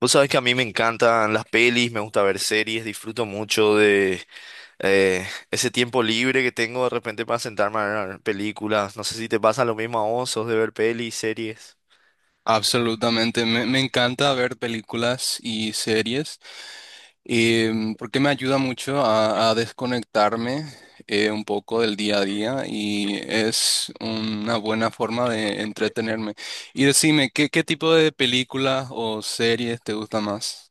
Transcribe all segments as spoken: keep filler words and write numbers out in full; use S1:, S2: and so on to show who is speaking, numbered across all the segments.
S1: Vos sabés que a mí me encantan las pelis, me gusta ver series, disfruto mucho de eh, ese tiempo libre que tengo de repente para sentarme a ver películas. No sé si te pasa lo mismo a vos, ¿sos de ver pelis, series?
S2: Absolutamente, me, me encanta ver películas y series em, porque me ayuda mucho a, a desconectarme eh, un poco del día a día y es una buena forma de entretenerme. Y decime, ¿qué, qué tipo de películas o series te gusta más?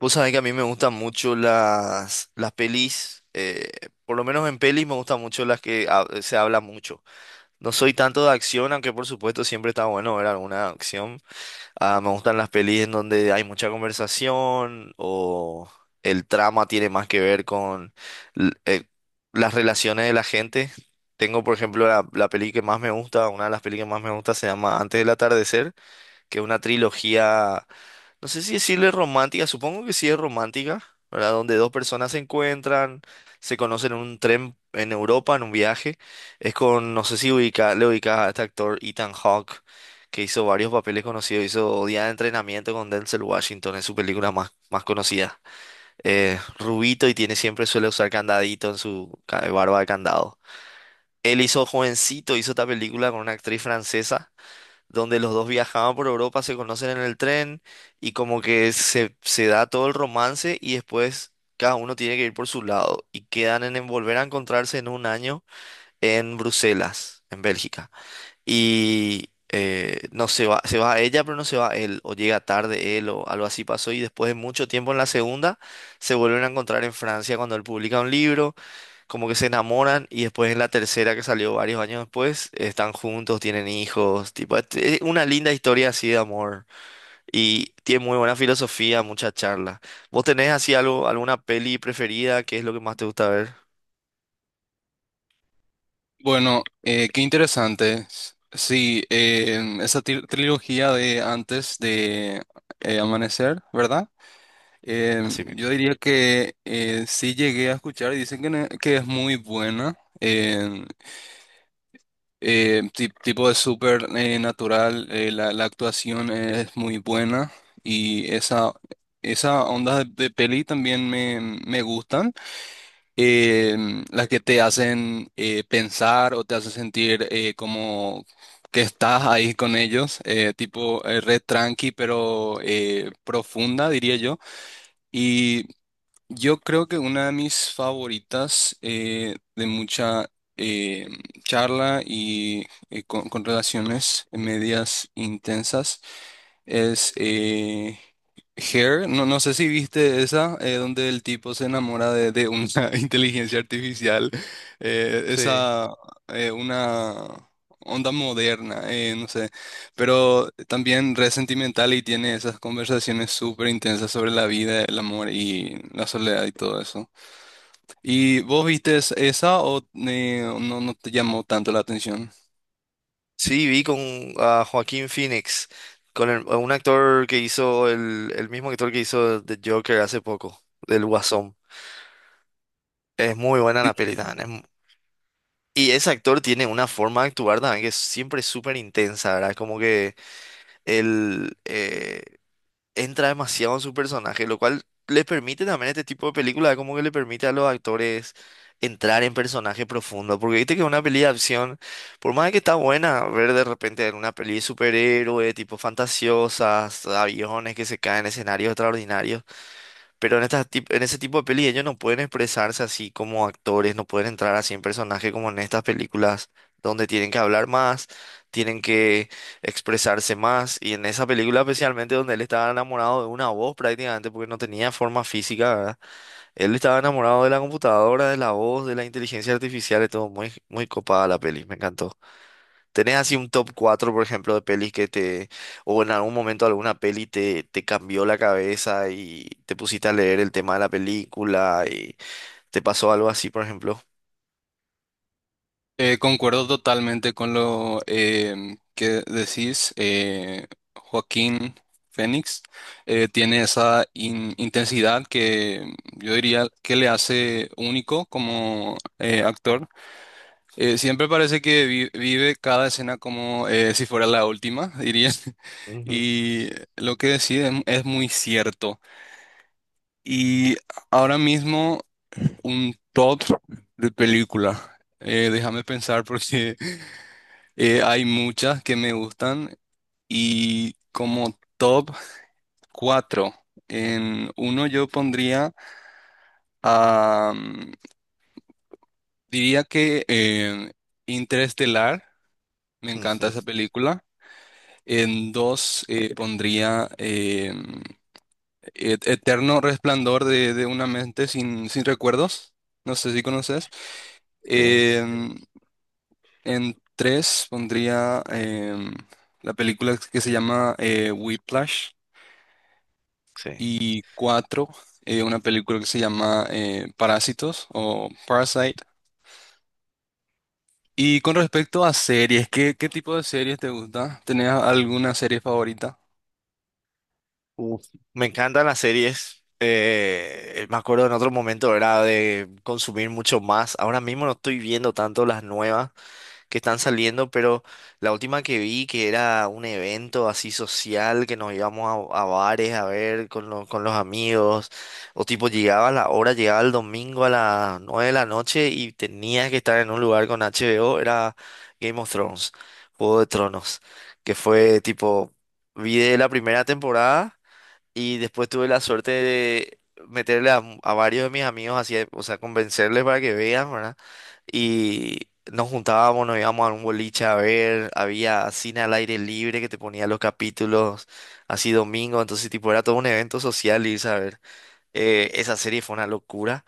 S1: Vos sabés que a mí me gustan mucho las, las pelis, eh, por lo menos en pelis me gustan mucho las que ha- se habla mucho. No soy tanto de acción, aunque por supuesto siempre está bueno ver alguna acción. Ah, me gustan las pelis en donde hay mucha conversación o el trama tiene más que ver con l- eh, las relaciones de la gente. Tengo, por ejemplo, la, la peli que más me gusta, una de las pelis que más me gusta se llama Antes del atardecer, que es una trilogía, no sé si decirle romántica, supongo que sí es romántica, ¿verdad? Donde dos personas se encuentran, se conocen en un tren en Europa, en un viaje. Es con, no sé si ubica, le ubicas a este actor Ethan Hawke, que hizo varios papeles conocidos, hizo Día de Entrenamiento con Denzel Washington, es su película más, más conocida. Eh, rubito y tiene, siempre suele usar candadito en su ca- barba de candado. Él hizo jovencito, hizo esta película con una actriz francesa donde los dos viajaban por Europa, se conocen en el tren y como que se, se da todo el romance y después cada uno tiene que ir por su lado y quedan en, en volver a encontrarse en un año en Bruselas, en Bélgica. Y eh, no se va, se va ella, pero no se va él, o llega tarde él, o algo así pasó y después de mucho tiempo en la segunda se vuelven a encontrar en Francia cuando él publica un libro, como que se enamoran. Y después en la tercera, que salió varios años después, están juntos, tienen hijos, tipo, es es una linda historia así de amor y tiene muy buena filosofía, mucha charla. ¿Vos tenés así algo, alguna peli preferida? ¿Qué es lo que más te gusta ver?
S2: Bueno, eh, qué interesante. S- Sí, em, esa tri- trilogía de antes de eh, amanecer, ¿verdad? Eh,
S1: Así
S2: yo
S1: mismo.
S2: diría que eh, sí llegué a escuchar y dicen que, ne- que es muy buena, eh, eh, ti- tipo de súper eh, natural. Eh, la, la actuación es muy buena y esa, esa onda de, de peli también me, me gustan, eh, las que te hacen eh, pensar o te hacen sentir eh, como... que estás ahí con ellos, eh, tipo eh, red tranqui pero eh, profunda, diría yo. Yo creo que una de mis favoritas eh, de mucha eh, charla y eh, con, con relaciones medias intensas es eh, Hair, no, no sé si viste esa, eh, donde el tipo se enamora de, de una inteligencia artificial, eh,
S1: Sí.
S2: esa, eh, una onda moderna, eh, no sé, pero también re sentimental y tiene esas conversaciones súper intensas sobre la vida, el amor y la soledad y todo eso. ¿Y vos viste es- esa o eh, no, no te llamó tanto la atención?
S1: Sí, vi con a Joaquín Phoenix, con el- un actor que hizo el, el mismo actor que hizo The Joker hace poco, del Guasón. Es muy buena la peli, también. Y ese actor tiene una forma de actuar también que es siempre súper intensa, ¿verdad? Como que él eh, entra demasiado en su personaje, lo cual le permite también este tipo de película, como que le permite a los actores entrar en personaje profundo. Porque viste que una peli de acción, por más de que está buena, ver de repente una peli de superhéroe, tipo fantasiosas, aviones que se caen, escenarios extraordinarios. Pero en, estas tip- en ese tipo de pelis ellos no pueden expresarse así como actores, no pueden entrar así en personaje como en estas películas donde tienen que hablar más, tienen que expresarse más. Y en esa película especialmente donde él estaba enamorado de una voz prácticamente porque no tenía forma física, ¿verdad? Él estaba enamorado de la computadora, de la voz, de la inteligencia artificial, y todo muy, muy copada la peli, me encantó. ¿Tenés así un top cuatro, por ejemplo, de pelis que te, o en algún momento alguna peli te, te cambió la cabeza y te pusiste a leer el tema de la película y te pasó algo así, por ejemplo?
S2: Eh, concuerdo totalmente con lo em, que decís. eh, Joaquín Fénix eh, tiene esa in- intensidad que yo diría que le hace único como eh, actor. Eh, siempre parece que vi- vive cada escena como eh, si fuera la última, diría.
S1: Ujú,
S2: Y lo que decís es, es muy cierto. Y ahora mismo un top de película. Eh, déjame pensar porque... Eh, hay muchas que me gustan y como top cuatro en uno yo pondría a, mm, diría que eh, Interestelar, me encanta esa
S1: ujú.
S2: película. En dos eh, pondría eh, Et- Eterno Resplandor de, de una mente sin, sin recuerdos, no sé si conoces.
S1: Sí,
S2: Em, en tres pondría em, la película que se llama eh, Whiplash.
S1: sí.
S2: Y cuatro, eh, una película que se llama eh, Parásitos o Parasite. Y con respecto a series, ¿qué, qué tipo de series te gusta? ¿Tenés alguna serie favorita?
S1: Uf, me encantan las series. Eh, me acuerdo en otro momento era de consumir mucho más. Ahora mismo no estoy viendo tanto las nuevas que están saliendo, pero la última que vi, que era un evento así social que nos íbamos a, a bares a ver con, lo- con los amigos, o tipo llegaba la hora, llegaba el domingo a las nueve de la noche y tenías que estar en un lugar con H B O, era Game of Thrones, Juego de Tronos, que fue tipo, vi de la primera temporada. Y después tuve la suerte de meterle a, a varios de mis amigos, así, o sea, convencerles para que vean, ¿verdad? Y nos juntábamos, nos íbamos a un boliche a ver, había cine al aire libre que te ponía los capítulos así domingo, entonces tipo era todo un evento social y saber, esa serie fue una locura.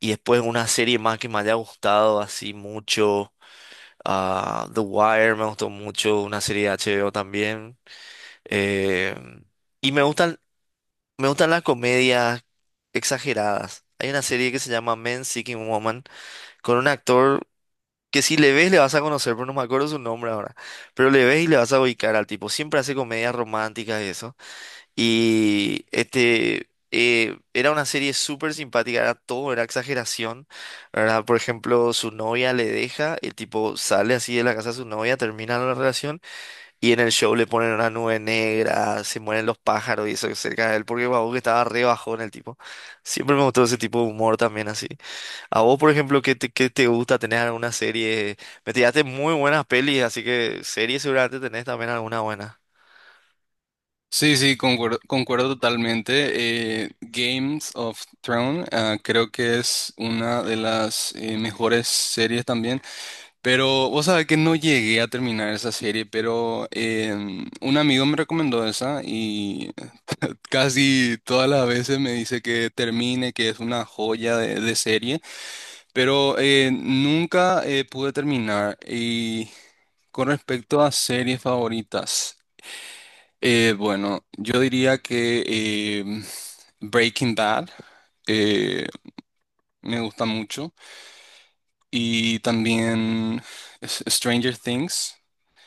S1: Y después una serie más que me haya gustado así mucho, ah, The Wire me gustó mucho, una serie de H B O también. eh, y me gustan me gustan las comedias exageradas. Hay una serie que se llama Men Seeking Woman con un actor que si le ves le vas a conocer, pero no me acuerdo su nombre ahora. Pero le ves y le vas a ubicar al tipo. Siempre hace comedias románticas y eso. Y este eh, era una serie súper simpática, era todo, era exageración, ¿verdad? Por ejemplo, su novia le deja, el tipo sale así de la casa de su novia, termina la relación y en el show le ponen una nube negra, se mueren los pájaros y eso cerca de él, porque Babu que estaba re bajón el tipo. Siempre me gustó ese tipo de humor también así. A vos, por ejemplo, ¿qué te, ¿qué te gusta tener alguna serie? Me tiraste muy buenas pelis, así que series seguramente tenés también alguna buena.
S2: Sí, sí, concuerdo, concuerdo totalmente. eh, Games of Thrones, ah, creo que es una de las eh, mejores series también. Pero vos sabés que no llegué a terminar esa serie, pero em, un amigo me recomendó esa y casi todas las veces me dice que termine, que es una joya de, de serie, pero eh, nunca eh, pude terminar. Y con respecto a series favoritas, eh, bueno, yo diría que em, Breaking Bad eh, me gusta mucho y también S- Stranger Things.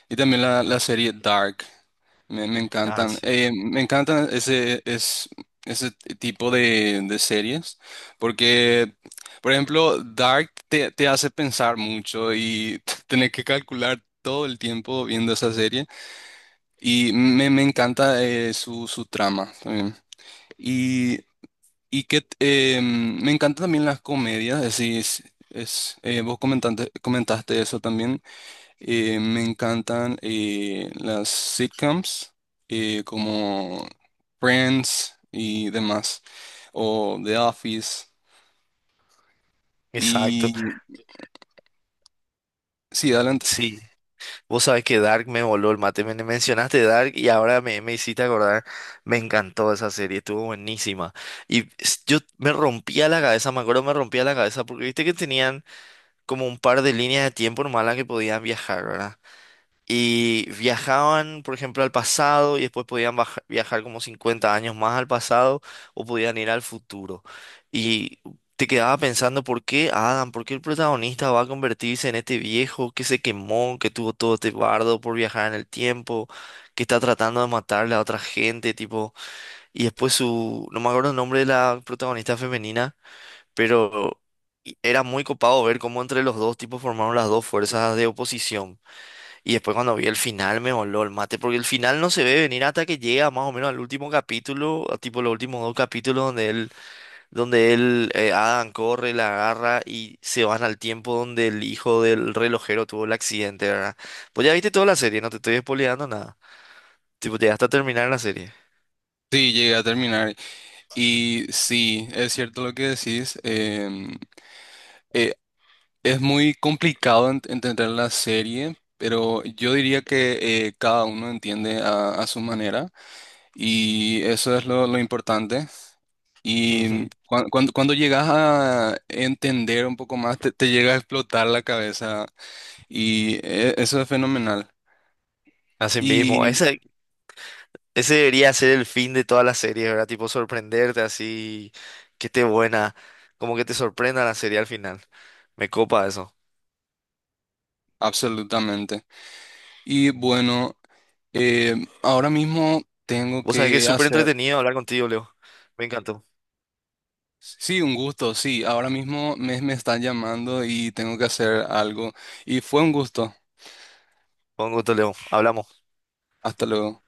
S2: Y también la,
S1: Mm.
S2: la serie Dark. Me, me
S1: Ah,
S2: encantan.
S1: sí.
S2: Eh, me encantan ese, es, ese tipo de, de series. Porque, por ejemplo, Dark te, te hace pensar mucho y tener que calcular todo el tiempo viendo esa serie. Y me, me encanta eh, su, su trama también. Y, y que eh, me encantan también las comedias. Es, decir, es, es, eh, vos comentaste, comentaste eso también. Eh, me encantan eh, las sitcoms eh, como Friends y demás, o The Office.
S1: Exacto.
S2: Y sí, adelante.
S1: Sí. Vos sabés que Dark me voló el mate. Me mencionaste Dark y ahora me, me hiciste acordar. Me encantó esa serie, estuvo buenísima. Y s- yo me rompía la cabeza, me acuerdo, me rompía la cabeza porque viste que tenían como un par de líneas de tiempo nomás las que podían viajar, ¿verdad? Y viajaban, por ejemplo, al pasado y después podían baja- viajar como cincuenta años más al pasado o podían ir al futuro. Y te quedaba pensando, ¿por qué Adam? ¿Por qué el protagonista va a convertirse en este viejo que se quemó, que tuvo todo este bardo por viajar en el tiempo, que está tratando de matarle a otra gente, tipo... Y después su... No me acuerdo el nombre de la protagonista femenina, pero y- era muy copado ver cómo entre los dos tipos formaron las dos fuerzas de oposición. Y después cuando vi el final me voló el mate, porque el final no se ve venir hasta que llega más o menos al último capítulo, a tipo los últimos dos capítulos donde él, donde él, eh, Adam corre, la agarra y se van al tiempo donde el hijo del relojero tuvo el accidente, ¿verdad? Pues ya viste toda la serie, no te estoy spoileando nada. Tipo, llegaste hasta terminar la serie.
S2: Sí, llegué a terminar. Y sí, es cierto lo que decís. em, eh, es muy complicado ent- entender la serie, pero yo diría que eh, cada uno entiende a a su manera. Y eso es lo, lo importante.
S1: Ujú.
S2: Y cuan- cuando, cuando, llegas a entender un poco más, te, te llega a explotar la cabeza y e- eso es fenomenal.
S1: Así mismo,
S2: Y
S1: esa. Ese debería ser el fin de todas las series, ¿verdad? Tipo sorprenderte así, que esté buena, como que te sorprenda la serie al final. Me copa eso.
S2: absolutamente. Y bueno, eh, ahora mismo tengo
S1: Vos sabés que es
S2: que
S1: súper
S2: hacer,
S1: entretenido hablar contigo, Leo. Me encantó.
S2: sí, un gusto, sí, ahora mismo me, me están llamando y tengo que hacer algo. Y fue un gusto.
S1: Con gusto, Leo. Hablamos.
S2: Hasta luego.